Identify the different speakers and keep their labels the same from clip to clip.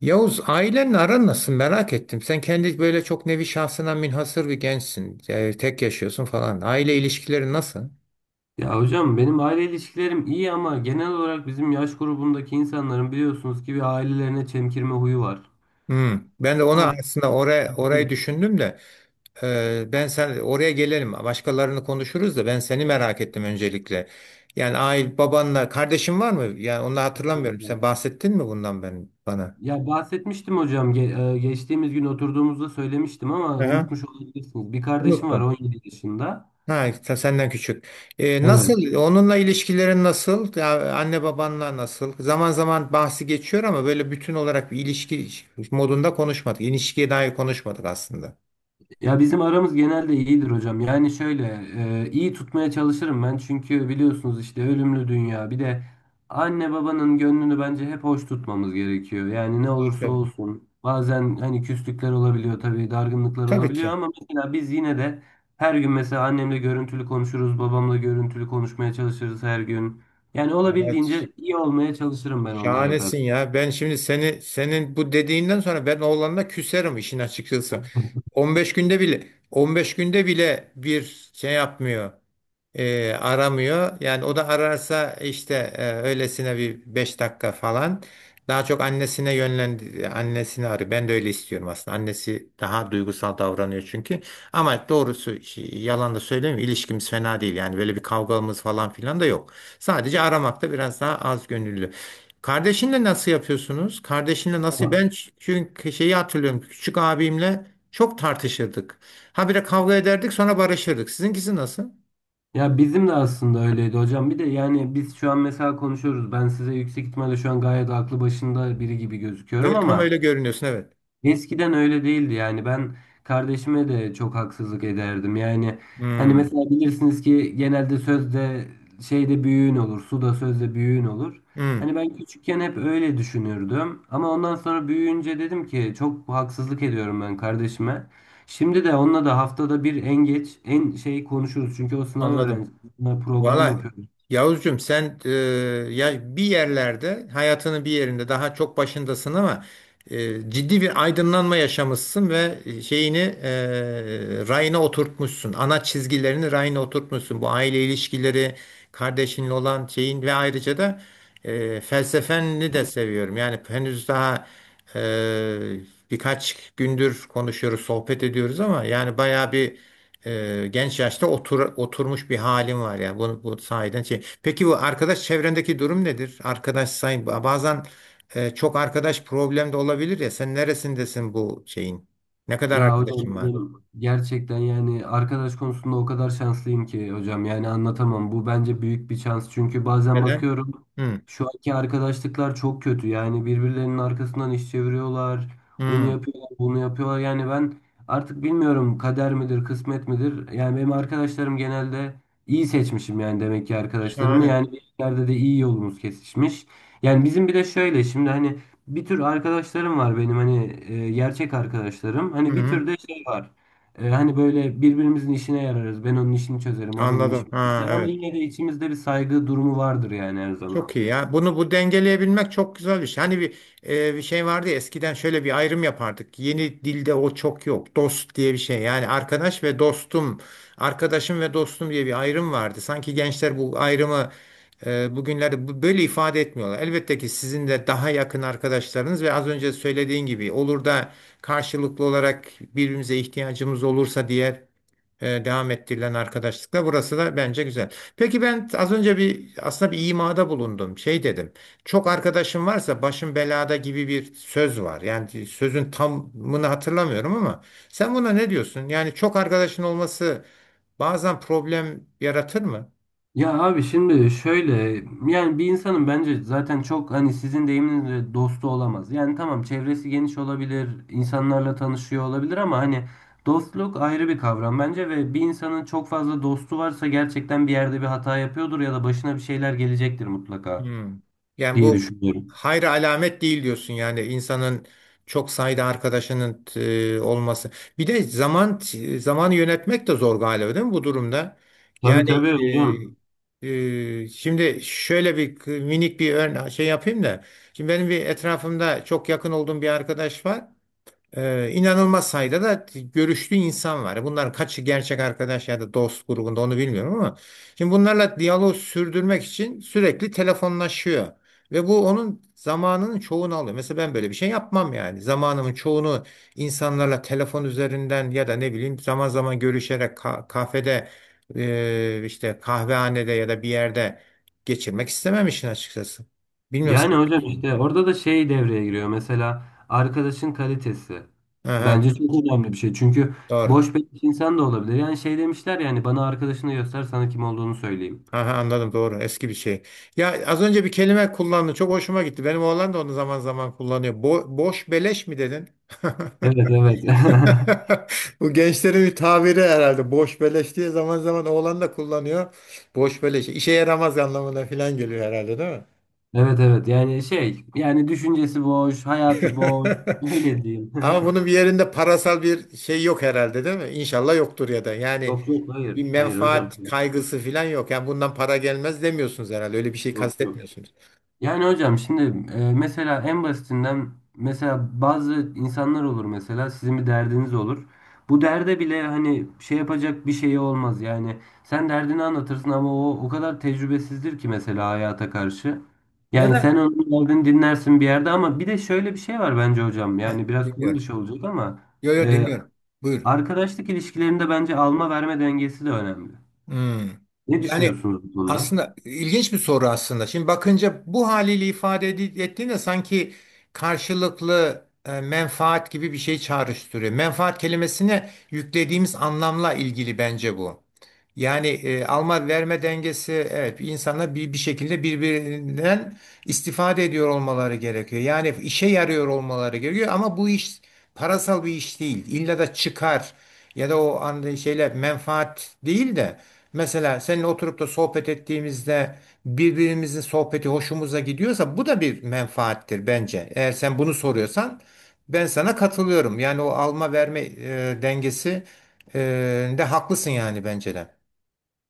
Speaker 1: Yavuz ailenle aran nasıl merak ettim. Sen kendi böyle çok nevi şahsına münhasır bir gençsin. Yani tek yaşıyorsun falan. Aile ilişkileri nasıl?
Speaker 2: Ya hocam benim aile ilişkilerim iyi ama genel olarak bizim yaş grubundaki insanların biliyorsunuz ki bir ailelerine çemkirme huyu var.
Speaker 1: Hmm. Ben de ona
Speaker 2: Bunlar
Speaker 1: aslında oraya orayı
Speaker 2: değil.
Speaker 1: düşündüm de ben sen oraya gelelim. Başkalarını konuşuruz da ben seni merak ettim öncelikle. Yani aile babanla kardeşin var mı? Yani onu hatırlamıyorum. Sen bahsettin mi bundan ben bana?
Speaker 2: Ya bahsetmiştim hocam geçtiğimiz gün oturduğumuzda söylemiştim ama
Speaker 1: Aha.
Speaker 2: unutmuş olabilirsiniz. Bir kardeşim var
Speaker 1: Unuttum.
Speaker 2: 17 yaşında.
Speaker 1: Ha, senden küçük.
Speaker 2: Evet.
Speaker 1: Nasıl? Onunla ilişkilerin nasıl? Ya, anne babanla nasıl? Zaman zaman bahsi geçiyor ama böyle bütün olarak bir ilişki modunda konuşmadık. İlişkiye dair konuşmadık aslında.
Speaker 2: Ya bizim aramız genelde iyidir hocam. Yani şöyle iyi tutmaya çalışırım ben. Çünkü biliyorsunuz işte ölümlü dünya. Bir de anne babanın gönlünü bence hep hoş tutmamız gerekiyor. Yani ne olursa
Speaker 1: Aferin.
Speaker 2: olsun. Bazen hani küslükler olabiliyor tabii, dargınlıklar
Speaker 1: Tabii
Speaker 2: olabiliyor
Speaker 1: ki.
Speaker 2: ama mesela biz yine de her gün mesela annemle görüntülü konuşuruz, babamla görüntülü konuşmaya çalışırız her gün. Yani
Speaker 1: Evet.
Speaker 2: olabildiğince iyi olmaya çalışırım ben onlara
Speaker 1: Şahanesin
Speaker 2: karşı.
Speaker 1: ya. Ben şimdi seni senin bu dediğinden sonra ben oğlanla küserim işin açıkçası. 15 günde bile 15 günde bile bir şey yapmıyor. Aramıyor. Yani o da ararsa işte öylesine bir 5 dakika falan. Daha çok annesine yönlendi, annesini arıyor. Ben de öyle istiyorum aslında. Annesi daha duygusal davranıyor çünkü. Ama doğrusu şey, yalan da söylemiyorum. İlişkimiz fena değil. Yani böyle bir kavgamız falan filan da yok. Sadece aramakta biraz daha az gönüllü. Kardeşinle nasıl yapıyorsunuz? Kardeşinle nasıl? Ben çünkü şeyi hatırlıyorum. Küçük abimle çok tartışırdık. Habire kavga ederdik sonra barışırdık. Sizinkisi nasıl?
Speaker 2: Ya bizim de aslında öyleydi hocam. Bir de yani biz şu an mesela konuşuyoruz. Ben size yüksek ihtimalle şu an gayet aklı başında biri gibi gözüküyorum
Speaker 1: Evet, tam
Speaker 2: ama
Speaker 1: öyle görünüyorsun, evet.
Speaker 2: eskiden öyle değildi yani ben kardeşime de çok haksızlık ederdim yani hani
Speaker 1: Hmm,
Speaker 2: mesela bilirsiniz ki genelde sözde şeyde büyüğün olur suda sözde büyüğün olur.
Speaker 1: hmm,
Speaker 2: Hani ben küçükken hep öyle düşünürdüm ama ondan sonra büyüyünce dedim ki çok haksızlık ediyorum ben kardeşime. Şimdi de onunla da haftada bir en geç en şey konuşuruz çünkü o sınav
Speaker 1: anladım.
Speaker 2: öğrencisi, sınav program
Speaker 1: Valla,
Speaker 2: yapıyor.
Speaker 1: Yavuzcum, sen ya bir yerlerde hayatının bir yerinde daha çok başındasın ama ciddi bir aydınlanma yaşamışsın ve şeyini rayına oturtmuşsun. Ana çizgilerini rayına oturtmuşsun. Bu aile ilişkileri, kardeşinle olan şeyin ve ayrıca da felsefeni de seviyorum. Yani henüz daha e, birkaç gündür konuşuyoruz, sohbet ediyoruz ama yani bayağı bir genç yaşta oturmuş bir halim var ya. Bu sahiden şey. Peki bu arkadaş çevrendeki durum nedir? Arkadaş sayın bazen çok arkadaş problem de olabilir ya. Sen neresindesin bu şeyin? Ne kadar
Speaker 2: Ya hocam
Speaker 1: arkadaşın var?
Speaker 2: benim gerçekten yani arkadaş konusunda o kadar şanslıyım ki hocam yani anlatamam. Bu bence büyük bir şans çünkü bazen
Speaker 1: Neden?
Speaker 2: bakıyorum
Speaker 1: Hı,
Speaker 2: şu anki arkadaşlıklar çok kötü. Yani birbirlerinin arkasından iş çeviriyorlar. Onu
Speaker 1: hı.
Speaker 2: yapıyorlar, bunu yapıyorlar. Yani ben artık bilmiyorum, kader midir, kısmet midir? Yani benim arkadaşlarım genelde iyi seçmişim yani demek ki arkadaşlarımı.
Speaker 1: Şahane.
Speaker 2: Yani bir yerde de iyi yolumuz kesişmiş. Yani bizim bir de şöyle şimdi hani bir tür arkadaşlarım var benim hani gerçek arkadaşlarım.
Speaker 1: Hı,
Speaker 2: Hani bir
Speaker 1: hı.
Speaker 2: tür de şey var. Hani böyle birbirimizin işine yararız. Ben onun işini çözerim, o benim
Speaker 1: Anladım.
Speaker 2: işimi
Speaker 1: Ha,
Speaker 2: çözer. Ama
Speaker 1: evet.
Speaker 2: yine de içimizde bir saygı durumu vardır yani her zaman.
Speaker 1: Çok iyi ya. Bunu bu dengeleyebilmek çok güzel bir şey. Hani bir şey vardı ya, eskiden şöyle bir ayrım yapardık. Yeni dilde o çok yok. Dost diye bir şey. Yani arkadaş ve dostum, arkadaşım ve dostum diye bir ayrım vardı. Sanki gençler bu ayrımı bugünlerde böyle ifade etmiyorlar. Elbette ki sizin de daha yakın arkadaşlarınız ve az önce söylediğin gibi olur da karşılıklı olarak birbirimize ihtiyacımız olursa diye devam ettirilen arkadaşlıkla. Burası da bence güzel. Peki ben az önce bir, aslında bir imada bulundum. Şey dedim. Çok arkadaşım varsa başım belada gibi bir söz var. Yani sözün tamını hatırlamıyorum ama sen buna ne diyorsun? Yani çok arkadaşın olması bazen problem yaratır mı?
Speaker 2: Ya abi şimdi şöyle, yani bir insanın bence zaten çok hani sizin deyiminizle dostu olamaz. Yani tamam, çevresi geniş olabilir, insanlarla tanışıyor olabilir ama hani dostluk ayrı bir kavram bence ve bir insanın çok fazla dostu varsa gerçekten bir yerde bir hata yapıyordur ya da başına bir şeyler gelecektir mutlaka
Speaker 1: Hmm. Yani
Speaker 2: diye
Speaker 1: bu
Speaker 2: düşünüyorum.
Speaker 1: hayra alamet değil diyorsun, yani insanın çok sayıda arkadaşının olması. Bir de zamanı yönetmek de zor galiba, değil mi bu durumda?
Speaker 2: Tabii
Speaker 1: Yani
Speaker 2: tabii hocam.
Speaker 1: e, şimdi şöyle bir minik bir şey yapayım da. Şimdi benim bir etrafımda çok yakın olduğum bir arkadaş var. İnanılmaz sayıda da görüştüğü insan var. Bunların kaçı gerçek arkadaş ya da dost grubunda onu bilmiyorum ama şimdi bunlarla diyalog sürdürmek için sürekli telefonlaşıyor. Ve bu onun zamanının çoğunu alıyor. Mesela ben böyle bir şey yapmam yani. Zamanımın çoğunu insanlarla telefon üzerinden ya da ne bileyim zaman zaman görüşerek kafede işte kahvehanede ya da bir yerde geçirmek istemem işin açıkçası. Bilmiyorum.
Speaker 2: Yani hocam
Speaker 1: sen-
Speaker 2: işte orada da şey devreye giriyor. Mesela arkadaşın kalitesi.
Speaker 1: Aha,
Speaker 2: Bence çok önemli bir şey. Çünkü
Speaker 1: doğru.
Speaker 2: boş beleş insan da olabilir. Yani şey demişler, yani bana arkadaşını göster sana kim olduğunu söyleyeyim.
Speaker 1: Aha, anladım, doğru, eski bir şey. Ya az önce bir kelime kullandın, çok hoşuma gitti. Benim oğlan da onu zaman zaman kullanıyor. Boş beleş mi dedin?
Speaker 2: Evet evet.
Speaker 1: Bu gençlerin bir tabiri herhalde. Boş beleş diye zaman zaman oğlan da kullanıyor. Boş beleş işe yaramaz anlamına falan geliyor herhalde, değil mi?
Speaker 2: Evet evet. Yani şey, yani düşüncesi boş, hayatı boş. Öyle diyeyim.
Speaker 1: Ama bunun bir yerinde parasal bir şey yok herhalde, değil mi? İnşallah yoktur ya da yani
Speaker 2: Yok yok, hayır.
Speaker 1: bir
Speaker 2: Hayır hocam.
Speaker 1: menfaat kaygısı falan yok. Yani bundan para gelmez demiyorsunuz herhalde, öyle bir şey
Speaker 2: Yok yok.
Speaker 1: kastetmiyorsunuz.
Speaker 2: Yani hocam şimdi mesela en basitinden mesela bazı insanlar olur, mesela sizin bir derdiniz olur. Bu derde bile hani şey yapacak bir şeyi olmaz yani. Sen derdini anlatırsın ama o kadar tecrübesizdir ki mesela hayata karşı.
Speaker 1: Ya
Speaker 2: Yani sen
Speaker 1: da.
Speaker 2: onun derdini dinlersin bir yerde ama bir de şöyle bir şey var bence hocam.
Speaker 1: Heh,
Speaker 2: Yani biraz konu
Speaker 1: dinliyorum.
Speaker 2: dışı olacak ama
Speaker 1: Yo, yo,
Speaker 2: e,
Speaker 1: dinliyorum. Buyur.
Speaker 2: arkadaşlık ilişkilerinde bence alma verme dengesi de önemli.
Speaker 1: Hmm.
Speaker 2: Ne
Speaker 1: Yani
Speaker 2: düşünüyorsunuz bu konuda?
Speaker 1: aslında ilginç bir soru aslında. Şimdi bakınca bu haliyle ifade ettiğinde sanki karşılıklı menfaat gibi bir şey çağrıştırıyor. Menfaat kelimesine yüklediğimiz anlamla ilgili bence bu. Yani alma verme dengesi, evet, insanlar bir şekilde birbirinden istifade ediyor olmaları gerekiyor. Yani işe yarıyor olmaları gerekiyor ama bu iş parasal bir iş değil. İlla da çıkar ya da o anda şeyler menfaat değil de mesela seninle oturup da sohbet ettiğimizde birbirimizin sohbeti hoşumuza gidiyorsa bu da bir menfaattir bence. Eğer sen bunu soruyorsan ben sana katılıyorum. Yani o alma verme dengesi e, de haklısın, yani bence de.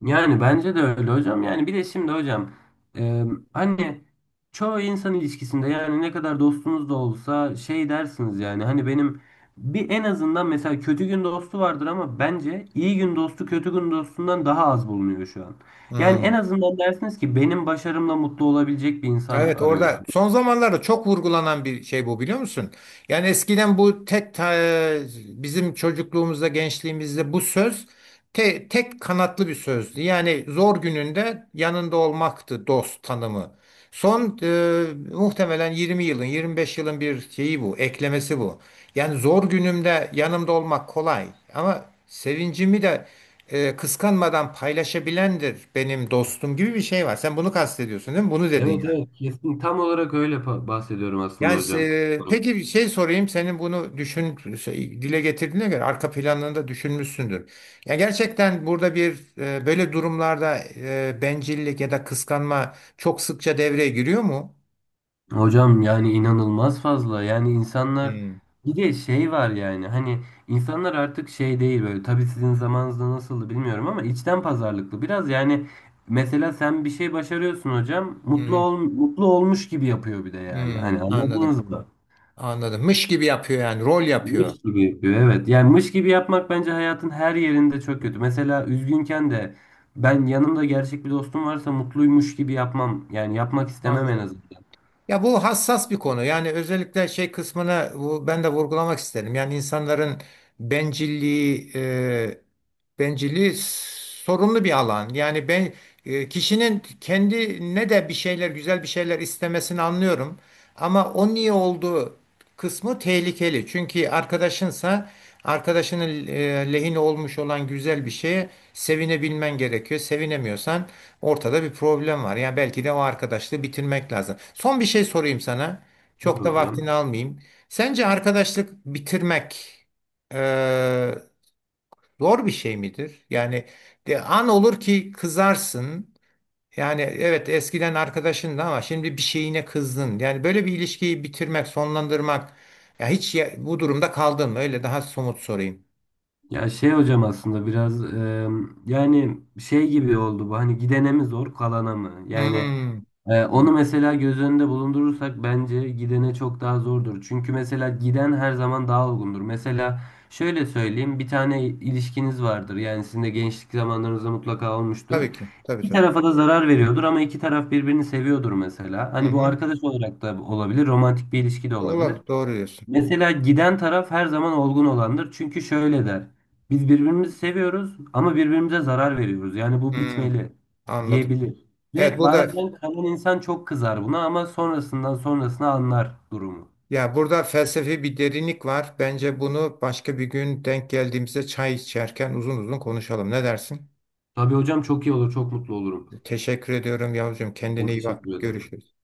Speaker 2: Yani bence de öyle hocam. Yani bir de şimdi hocam, e, hani çoğu insan ilişkisinde yani ne kadar dostunuz da olsa şey dersiniz, yani hani benim bir en azından mesela kötü gün dostu vardır ama bence iyi gün dostu kötü gün dostundan daha az bulunuyor şu an. Yani en
Speaker 1: Hmm.
Speaker 2: azından dersiniz ki benim başarımla mutlu olabilecek bir insan
Speaker 1: Evet,
Speaker 2: arıyorum.
Speaker 1: orada son zamanlarda çok vurgulanan bir şey bu, biliyor musun? Yani eskiden bu tek bizim çocukluğumuzda, gençliğimizde bu söz tek kanatlı bir sözdü. Yani zor gününde yanında olmaktı dost tanımı. Son muhtemelen 20 yılın, 25 yılın bir şeyi, bu eklemesi bu. Yani zor günümde yanımda olmak kolay ama sevincimi de kıskanmadan paylaşabilendir benim dostum, gibi bir şey var. Sen bunu kastediyorsun, değil mi? Bunu dedin
Speaker 2: Evet
Speaker 1: yani.
Speaker 2: evet, kesin tam olarak öyle bahsediyorum aslında
Speaker 1: Yani
Speaker 2: hocam.
Speaker 1: peki bir şey sorayım, senin bunu düşün şey, dile getirdiğine göre arka planını da düşünmüşsündür. Ya gerçekten burada bir böyle durumlarda bencillik ya da kıskanma çok sıkça devreye giriyor mu?
Speaker 2: Hocam yani inanılmaz fazla. Yani insanlar,
Speaker 1: Hmm,
Speaker 2: bir de şey var yani hani insanlar artık şey değil böyle, tabii sizin zamanınızda nasıldı bilmiyorum ama içten pazarlıklı biraz yani mesela sen bir şey başarıyorsun hocam, mutlu
Speaker 1: hmm,
Speaker 2: ol, mutlu olmuş gibi yapıyor bir de, yani hani
Speaker 1: hmm, anladım.
Speaker 2: anladınız mı?
Speaker 1: Anladım. Mış gibi yapıyor, yani rol yapıyor.
Speaker 2: Mış gibi yapıyor evet, yani mış gibi yapmak bence hayatın her yerinde çok kötü. Mesela üzgünken de ben yanımda gerçek bir dostum varsa mutluymuş gibi yapmam, yani yapmak istemem en
Speaker 1: Anladım.
Speaker 2: azından.
Speaker 1: Ya bu hassas bir konu. Yani özellikle şey kısmını ben de vurgulamak isterim. Yani insanların bencilliği e, bencilliği sorunlu bir alan. Yani kişinin kendine de bir şeyler, güzel bir şeyler istemesini anlıyorum. Ama o niye olduğu kısmı tehlikeli. Çünkü arkadaşınsa arkadaşının lehine olmuş olan güzel bir şeye sevinebilmen gerekiyor. Sevinemiyorsan ortada bir problem var. Yani belki de o arkadaşlığı bitirmek lazım. Son bir şey sorayım sana.
Speaker 2: Tabii
Speaker 1: Çok da vaktini
Speaker 2: hocam.
Speaker 1: almayayım. Sence arkadaşlık bitirmek eee, zor bir şey midir? Yani de, an olur ki kızarsın. Yani evet, eskiden arkadaşındı ama şimdi bir şeyine kızdın. Yani böyle bir ilişkiyi bitirmek, sonlandırmak. Ya hiç bu durumda kaldın mı? Öyle daha somut sorayım.
Speaker 2: Ya şey hocam aslında biraz yani şey gibi oldu bu, hani gidene mi zor kalana mı? Yani
Speaker 1: Hmm.
Speaker 2: onu mesela göz önünde bulundurursak bence gidene çok daha zordur. Çünkü mesela giden her zaman daha olgundur. Mesela şöyle söyleyeyim, bir tane ilişkiniz vardır yani, sizin de gençlik zamanlarınızda mutlaka olmuştur.
Speaker 1: Tabii ki. Tabii,
Speaker 2: İki
Speaker 1: tabii.
Speaker 2: tarafa da zarar veriyordur ama iki taraf birbirini seviyordur mesela.
Speaker 1: Hı
Speaker 2: Hani bu
Speaker 1: hı.
Speaker 2: arkadaş olarak da olabilir, romantik bir ilişki de olabilir.
Speaker 1: Olabilir. Doğru diyorsun.
Speaker 2: Mesela giden taraf her zaman olgun olandır. Çünkü şöyle der: biz birbirimizi seviyoruz ama birbirimize zarar veriyoruz. Yani bu
Speaker 1: Hmm.
Speaker 2: bitmeli
Speaker 1: Anladım.
Speaker 2: diyebilir.
Speaker 1: Evet,
Speaker 2: Ve
Speaker 1: burada,
Speaker 2: bazen kalan insan çok kızar buna ama sonrasından sonrasına anlar durumu.
Speaker 1: ya, burada felsefi bir derinlik var. Bence bunu başka bir gün denk geldiğimizde çay içerken uzun uzun konuşalım. Ne dersin?
Speaker 2: Tabii hocam, çok iyi olur, çok mutlu olurum.
Speaker 1: Teşekkür ediyorum yavrucuğum.
Speaker 2: Ben
Speaker 1: Kendine iyi bak.
Speaker 2: teşekkür ederim.
Speaker 1: Görüşürüz.